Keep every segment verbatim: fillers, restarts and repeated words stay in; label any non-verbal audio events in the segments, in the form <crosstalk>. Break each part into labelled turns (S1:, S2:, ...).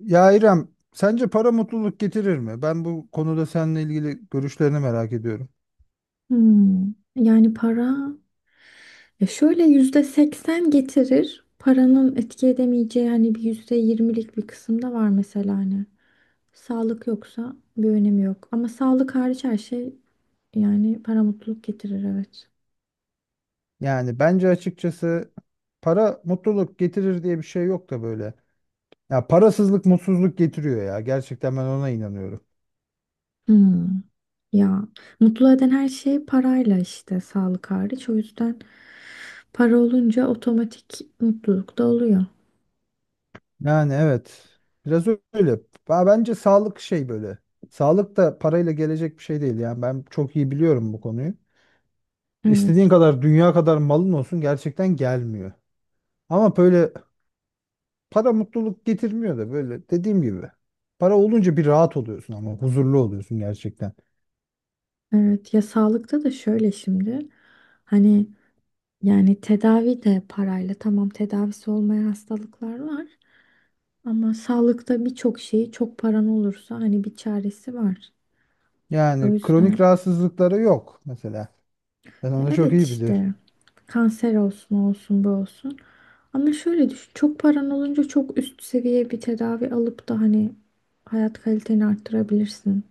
S1: Ya İrem, sence para mutluluk getirir mi? Ben bu konuda seninle ilgili görüşlerini merak ediyorum.
S2: Hmm, yani para ya şöyle yüzde seksen getirir. Paranın etki edemeyeceği hani bir yüzde yirmilik bir kısım da var mesela hani. Sağlık yoksa bir önemi yok. Ama sağlık hariç her şey yani para mutluluk getirir, evet.
S1: Yani bence açıkçası para mutluluk getirir diye bir şey yok da böyle. Ya parasızlık mutsuzluk getiriyor ya. Gerçekten ben ona inanıyorum.
S2: Hmm, ya mutlu eden her şey parayla, işte sağlık hariç. O yüzden para olunca otomatik mutluluk da oluyor.
S1: Yani evet. Biraz öyle. Ya bence sağlık şey böyle. Sağlık da parayla gelecek bir şey değil. Yani ben çok iyi biliyorum bu konuyu.
S2: Evet.
S1: İstediğin kadar dünya kadar malın olsun gerçekten gelmiyor. Ama böyle para mutluluk getirmiyor da böyle dediğim gibi. Para olunca bir rahat oluyorsun ama huzurlu oluyorsun gerçekten.
S2: Evet, ya sağlıkta da şöyle şimdi. Hani yani tedavi de parayla. Tamam, tedavisi olmayan hastalıklar var. Ama sağlıkta birçok şeyi çok paran olursa hani bir çaresi var. O
S1: Yani kronik
S2: yüzden
S1: rahatsızlıkları yok mesela. Ben
S2: ya
S1: onu çok
S2: evet,
S1: iyi bilir.
S2: işte kanser olsun, o olsun, bu olsun. Ama şöyle düşün, çok paran olunca çok üst seviye bir tedavi alıp da hani hayat kaliteni arttırabilirsin.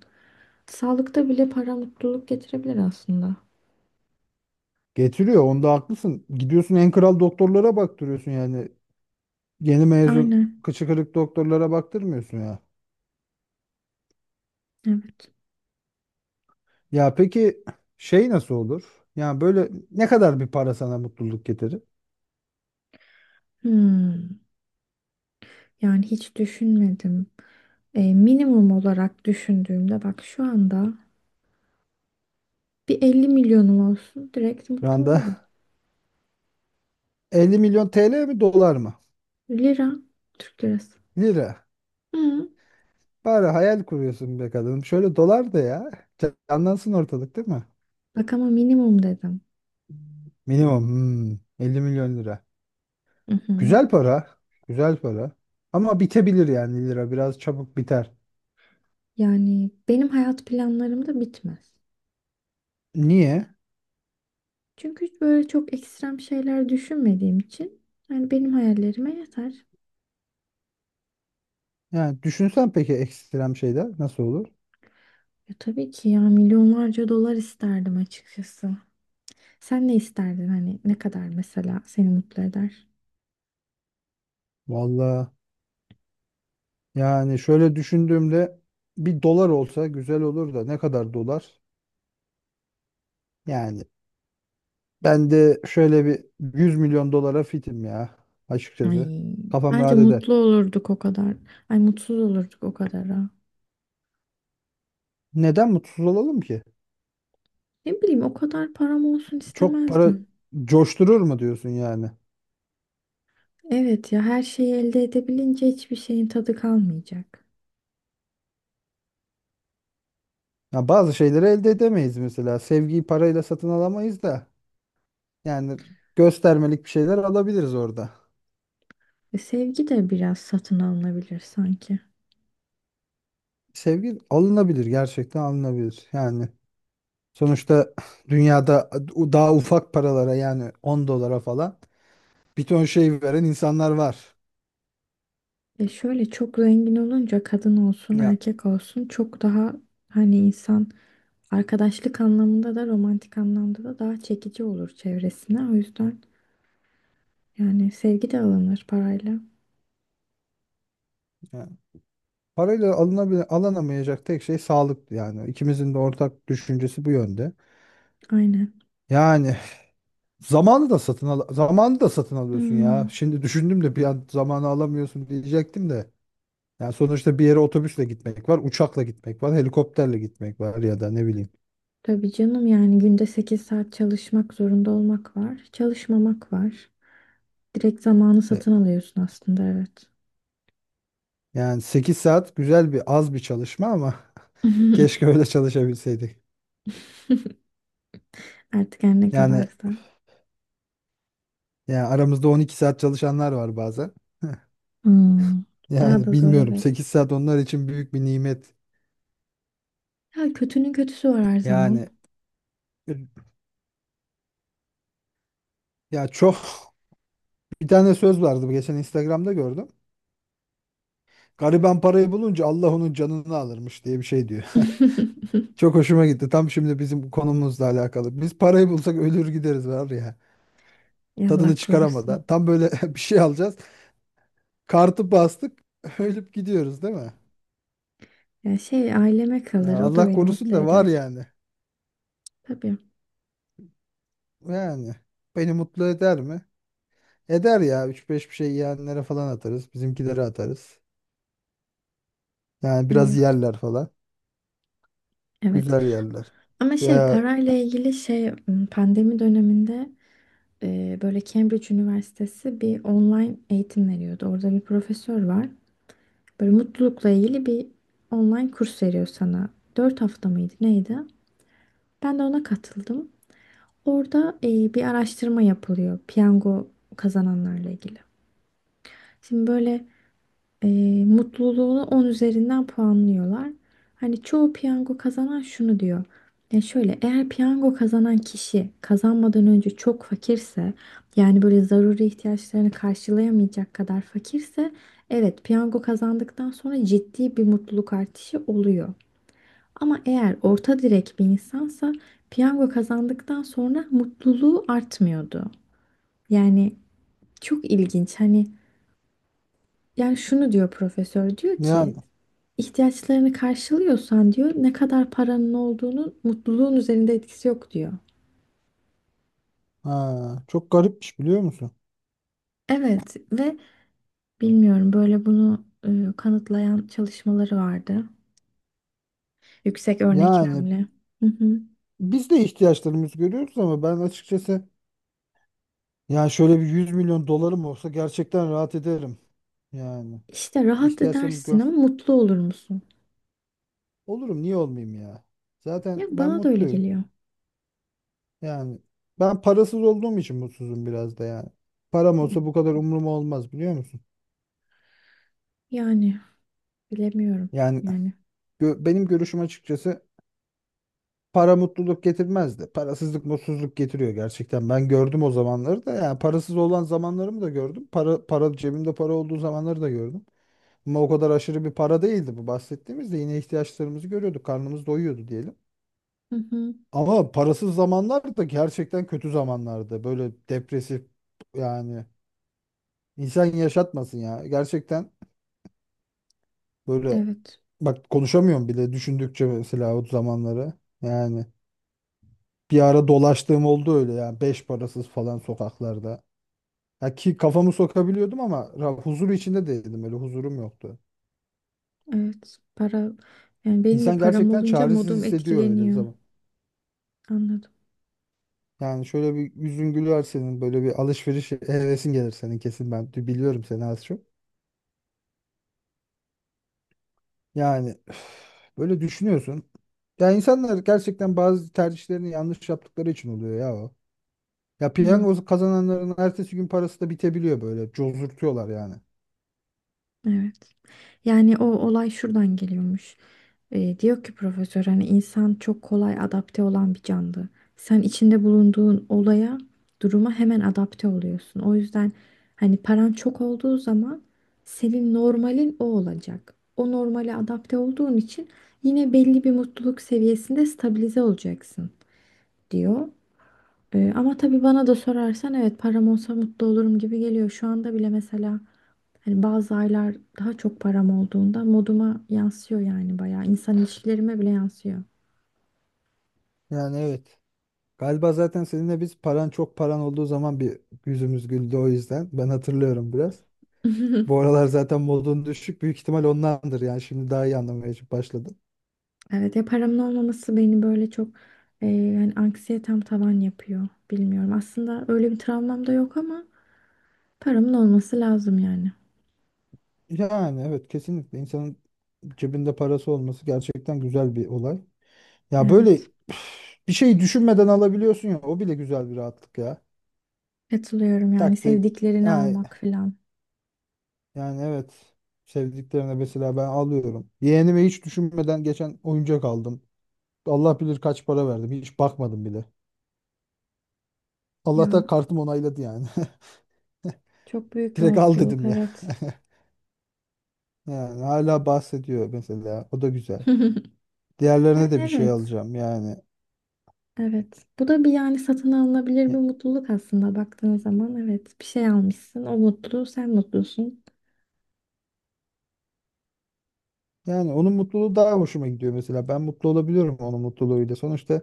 S2: Sağlıkta bile para mutluluk getirebilir aslında.
S1: Getiriyor onda haklısın. Gidiyorsun en kral doktorlara baktırıyorsun yani. Yeni mezun
S2: Aynen
S1: kıçı kırık doktorlara baktırmıyorsun ya.
S2: evet.
S1: Ya peki şey nasıl olur? Yani böyle ne kadar bir para sana mutluluk getirir?
S2: Hmm. Yani hiç düşünmedim. E, minimum olarak düşündüğümde bak, şu anda bir 50 milyonum olsun direkt
S1: Şu
S2: mutlu
S1: anda
S2: olurum.
S1: <laughs> elli milyon T L mi dolar mı?
S2: Lira, Türk lirası.
S1: Lira.
S2: Hı.
S1: Bari hayal kuruyorsun be kadın. Şöyle dolar da ya. Canlansın ortalık değil mi?
S2: Bak ama minimum dedim.
S1: Minimum hmm, elli milyon lira.
S2: Hı hı.
S1: Güzel para. Güzel para. Ama bitebilir yani lira. Biraz çabuk biter.
S2: Yani benim hayat planlarım da bitmez.
S1: Niye?
S2: Çünkü hiç böyle çok ekstrem şeyler düşünmediğim için yani benim hayallerime yeter.
S1: Yani düşünsen peki ekstrem şeyler nasıl olur?
S2: Ya tabii ki, ya milyonlarca dolar isterdim açıkçası. Sen ne isterdin, hani ne kadar mesela seni mutlu eder?
S1: Vallahi yani şöyle düşündüğümde bir dolar olsa güzel olur da ne kadar dolar? Yani ben de şöyle bir yüz milyon dolara fitim ya açıkçası.
S2: Ay,
S1: Kafam
S2: bence
S1: rahat eder.
S2: mutlu olurduk o kadar. Ay, mutsuz olurduk o kadar ha.
S1: Neden mutsuz olalım ki?
S2: Ne bileyim, o kadar param olsun
S1: Çok para
S2: istemezdim.
S1: coşturur mu diyorsun yani?
S2: Evet ya, her şeyi elde edebilince hiçbir şeyin tadı kalmayacak.
S1: Ya bazı şeyleri elde edemeyiz mesela. Sevgiyi parayla satın alamayız da. Yani göstermelik bir şeyler alabiliriz orada.
S2: Ve sevgi de biraz satın alınabilir sanki.
S1: Sevgi alınabilir, gerçekten alınabilir. Yani sonuçta dünyada daha ufak paralara yani on dolara falan bir ton şey veren insanlar var.
S2: E şöyle, çok zengin olunca kadın olsun
S1: Ya,
S2: erkek olsun çok daha hani insan arkadaşlık anlamında da romantik anlamda da daha çekici olur çevresine. O yüzden yani sevgi de alınır parayla.
S1: ya parayla alınabil alınamayacak tek şey sağlık yani. İkimizin de ortak düşüncesi bu yönde.
S2: Aynen.
S1: Yani Zamanı da satın al zamanı da satın alıyorsun
S2: Hmm.
S1: ya. Şimdi düşündüm de bir an zamanı alamıyorsun diyecektim de. Yani sonuçta bir yere otobüsle gitmek var, uçakla gitmek var, helikopterle gitmek var ya da ne bileyim.
S2: Tabii canım, yani günde sekiz saat çalışmak zorunda olmak var. Çalışmamak var. Direkt zamanı
S1: E,
S2: satın alıyorsun aslında, evet.
S1: Yani sekiz saat güzel bir az bir çalışma ama <laughs>
S2: <laughs>
S1: keşke öyle çalışabilseydik.
S2: Artık her ne
S1: Yani
S2: kadarsa.
S1: yani aramızda on iki saat çalışanlar var bazen. <laughs>
S2: Hmm, Daha
S1: Yani
S2: da zor,
S1: bilmiyorum
S2: evet.
S1: sekiz saat onlar için büyük bir nimet.
S2: Ya kötünün kötüsü var her zaman.
S1: Yani ya çok bir tane söz vardı geçen Instagram'da gördüm. Gariban parayı bulunca Allah onun canını alırmış diye bir şey diyor.
S2: <laughs>
S1: <laughs> Çok hoşuma gitti. Tam şimdi bizim bu konumuzla alakalı. Biz parayı bulsak ölür gideriz var ya.
S2: Allah
S1: Tadını
S2: korusun.
S1: çıkaramadan. Tam böyle <laughs> bir şey alacağız. Kartı bastık. <laughs> Ölüp gidiyoruz değil mi?
S2: Ya şey, aileme
S1: Ya
S2: kalır, o da
S1: Allah
S2: beni
S1: korusun
S2: mutlu
S1: da var
S2: eder.
S1: yani.
S2: Tabii.
S1: Yani beni mutlu eder mi? Eder ya. Üç beş bir şey yiyenlere falan atarız. Bizimkilere atarız. Yani biraz
S2: Evet.
S1: yerler falan.
S2: Evet.
S1: Güzel yerler.
S2: Ama şey,
S1: Ya,
S2: parayla ilgili şey, pandemi döneminde e, böyle Cambridge Üniversitesi bir online eğitim veriyordu. Orada bir profesör var. Böyle mutlulukla ilgili bir online kurs veriyor sana. Dört hafta mıydı neydi? Ben de ona katıldım. Orada e, bir araştırma yapılıyor piyango kazananlarla ilgili. Şimdi böyle e, mutluluğunu on üzerinden puanlıyorlar. Hani çoğu piyango kazanan şunu diyor. Ya şöyle, eğer piyango kazanan kişi kazanmadan önce çok fakirse, yani böyle zaruri ihtiyaçlarını karşılayamayacak kadar fakirse, evet, piyango kazandıktan sonra ciddi bir mutluluk artışı oluyor. Ama eğer orta direk bir insansa piyango kazandıktan sonra mutluluğu artmıyordu. Yani çok ilginç hani, yani şunu diyor profesör, diyor ki
S1: yani
S2: ihtiyaçlarını karşılıyorsan diyor, ne kadar paranın olduğunun mutluluğun üzerinde etkisi yok diyor.
S1: ha, çok garipmiş biliyor musun?
S2: Evet. Ve bilmiyorum, böyle bunu e, kanıtlayan çalışmaları vardı. Yüksek
S1: Yani
S2: örneklemli. Hı hı.
S1: biz de ihtiyaçlarımızı görüyoruz ama ben açıkçası yani şöyle bir yüz milyon dolarım olsa gerçekten rahat ederim. Yani
S2: İşte rahat
S1: ihtiyaçlarımı
S2: edersin
S1: gör.
S2: ama mutlu olur musun?
S1: Olurum niye olmayayım ya? Zaten
S2: Ya,
S1: ben
S2: bana da öyle
S1: mutluyum.
S2: geliyor.
S1: Yani ben parasız olduğum için mutsuzum biraz da yani. Param olsa bu kadar umrum olmaz biliyor musun?
S2: Yani bilemiyorum
S1: Yani
S2: yani.
S1: gö- benim görüşüm açıkçası para mutluluk getirmez de parasızlık mutsuzluk getiriyor gerçekten. Ben gördüm o zamanları da yani parasız olan zamanlarımı da gördüm. Para para cebimde para olduğu zamanları da gördüm. Ama o kadar aşırı bir para değildi bu bahsettiğimizde yine ihtiyaçlarımızı görüyorduk. Karnımız doyuyordu diyelim.
S2: Hı hı.
S1: Ama parasız zamanlar da gerçekten kötü zamanlardı. Böyle depresif yani insan yaşatmasın ya. Gerçekten böyle
S2: Evet.
S1: bak konuşamıyorum bile düşündükçe mesela o zamanları. Yani bir ara dolaştığım oldu öyle yani beş parasız falan sokaklarda. Ya ki kafamı sokabiliyordum ama ra- huzur içinde değildim öyle huzurum yoktu.
S2: Evet. Para, yani benim de
S1: İnsan
S2: param
S1: gerçekten
S2: olunca
S1: çaresiz
S2: modum
S1: hissediyor öyle
S2: etkileniyor.
S1: zaman.
S2: Anladım.
S1: Yani şöyle bir yüzün güler senin böyle bir alışveriş hevesin gelir senin kesin ben biliyorum seni az çok. Yani üf, böyle düşünüyorsun. Ya insanlar gerçekten bazı tercihlerini yanlış yaptıkları için oluyor ya o. Ya
S2: Hmm.
S1: piyango kazananların ertesi gün parası da bitebiliyor böyle cozurtuyorlar yani.
S2: Evet. Yani o olay şuradan geliyormuş. Ee, diyor ki profesör, hani insan çok kolay adapte olan bir canlı. Sen içinde bulunduğun olaya, duruma hemen adapte oluyorsun. O yüzden hani paran çok olduğu zaman senin normalin o olacak. O normale adapte olduğun için yine belli bir mutluluk seviyesinde stabilize olacaksın diyor. Ee, ama tabii, bana da sorarsan evet, param olsa mutlu olurum gibi geliyor. Şu anda bile mesela hani bazı aylar daha çok param olduğunda moduma yansıyor yani, bayağı. İnsan ilişkilerime bile yansıyor.
S1: Yani evet. Galiba zaten seninle biz paran çok paran olduğu zaman bir yüzümüz güldü o yüzden. Ben hatırlıyorum biraz. Bu
S2: <laughs>
S1: aralar zaten modun düşük büyük ihtimal ondandır yani şimdi daha iyi anlamaya başladım.
S2: Evet ya, paramın olmaması beni böyle çok e, yani anksiyetem tavan yapıyor. Bilmiyorum. Aslında öyle bir travmam da yok ama paramın olması lazım yani.
S1: Yani evet kesinlikle insanın cebinde parası olması gerçekten güzel bir olay. Ya böyle
S2: Evet.
S1: <sighs> bir şey düşünmeden alabiliyorsun ya o bile güzel bir rahatlık ya.
S2: Katılıyorum, yani
S1: Tak de
S2: sevdiklerini
S1: ay,
S2: almak falan.
S1: yani evet sevdiklerine mesela ben alıyorum. Yeğenime hiç düşünmeden geçen oyuncak aldım. Allah bilir kaç para verdim hiç bakmadım bile.
S2: Ya,
S1: Allah'ta kartım onayladı yani. <laughs>
S2: çok büyük bir
S1: Direkt al
S2: mutluluk
S1: dedim ya.
S2: evet.
S1: <laughs> Yani hala bahsediyor mesela o da güzel.
S2: <laughs>
S1: Diğerlerine
S2: Yani
S1: de bir şey
S2: evet.
S1: alacağım yani.
S2: Evet. Bu da bir, yani satın alınabilir bir mutluluk aslında baktığın zaman. Evet. Bir şey almışsın. O mutlu. Sen mutlusun.
S1: Yani onun mutluluğu daha hoşuma gidiyor mesela. Ben mutlu olabiliyorum onun mutluluğuyla. Sonuçta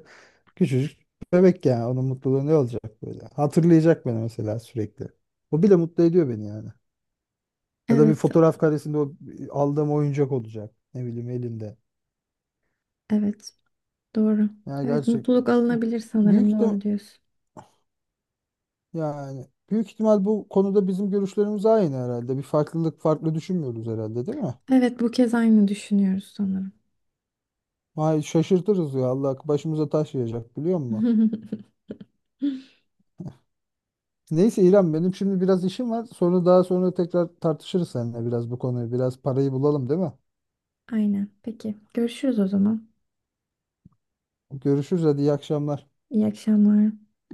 S1: küçücük bebek yani. Onun mutluluğu ne olacak böyle? Hatırlayacak beni mesela sürekli. O bile mutlu ediyor beni yani. Ya da bir
S2: Evet.
S1: fotoğraf karesinde o aldığım oyuncak olacak. Ne bileyim elinde.
S2: Evet. Doğru.
S1: Yani
S2: Evet.
S1: gerçekten.
S2: Mutluluk alınabilir
S1: Büyük
S2: sanırım.
S1: ihtim-
S2: Doğru diyorsun.
S1: Yani büyük ihtimal bu konuda bizim görüşlerimiz aynı herhalde. Bir farklılık Farklı düşünmüyoruz herhalde değil mi?
S2: Evet. Bu kez aynı düşünüyoruz sanırım.
S1: Vay şaşırtırız ya Allah başımıza taş yiyecek biliyor musun?
S2: <laughs>
S1: Neyse İrem benim şimdi biraz işim var. Sonra daha sonra tekrar tartışırız seninle biraz bu konuyu. Biraz parayı bulalım değil mi?
S2: Aynen. Peki. Görüşürüz o zaman.
S1: Görüşürüz hadi iyi akşamlar.
S2: İyi akşamlar.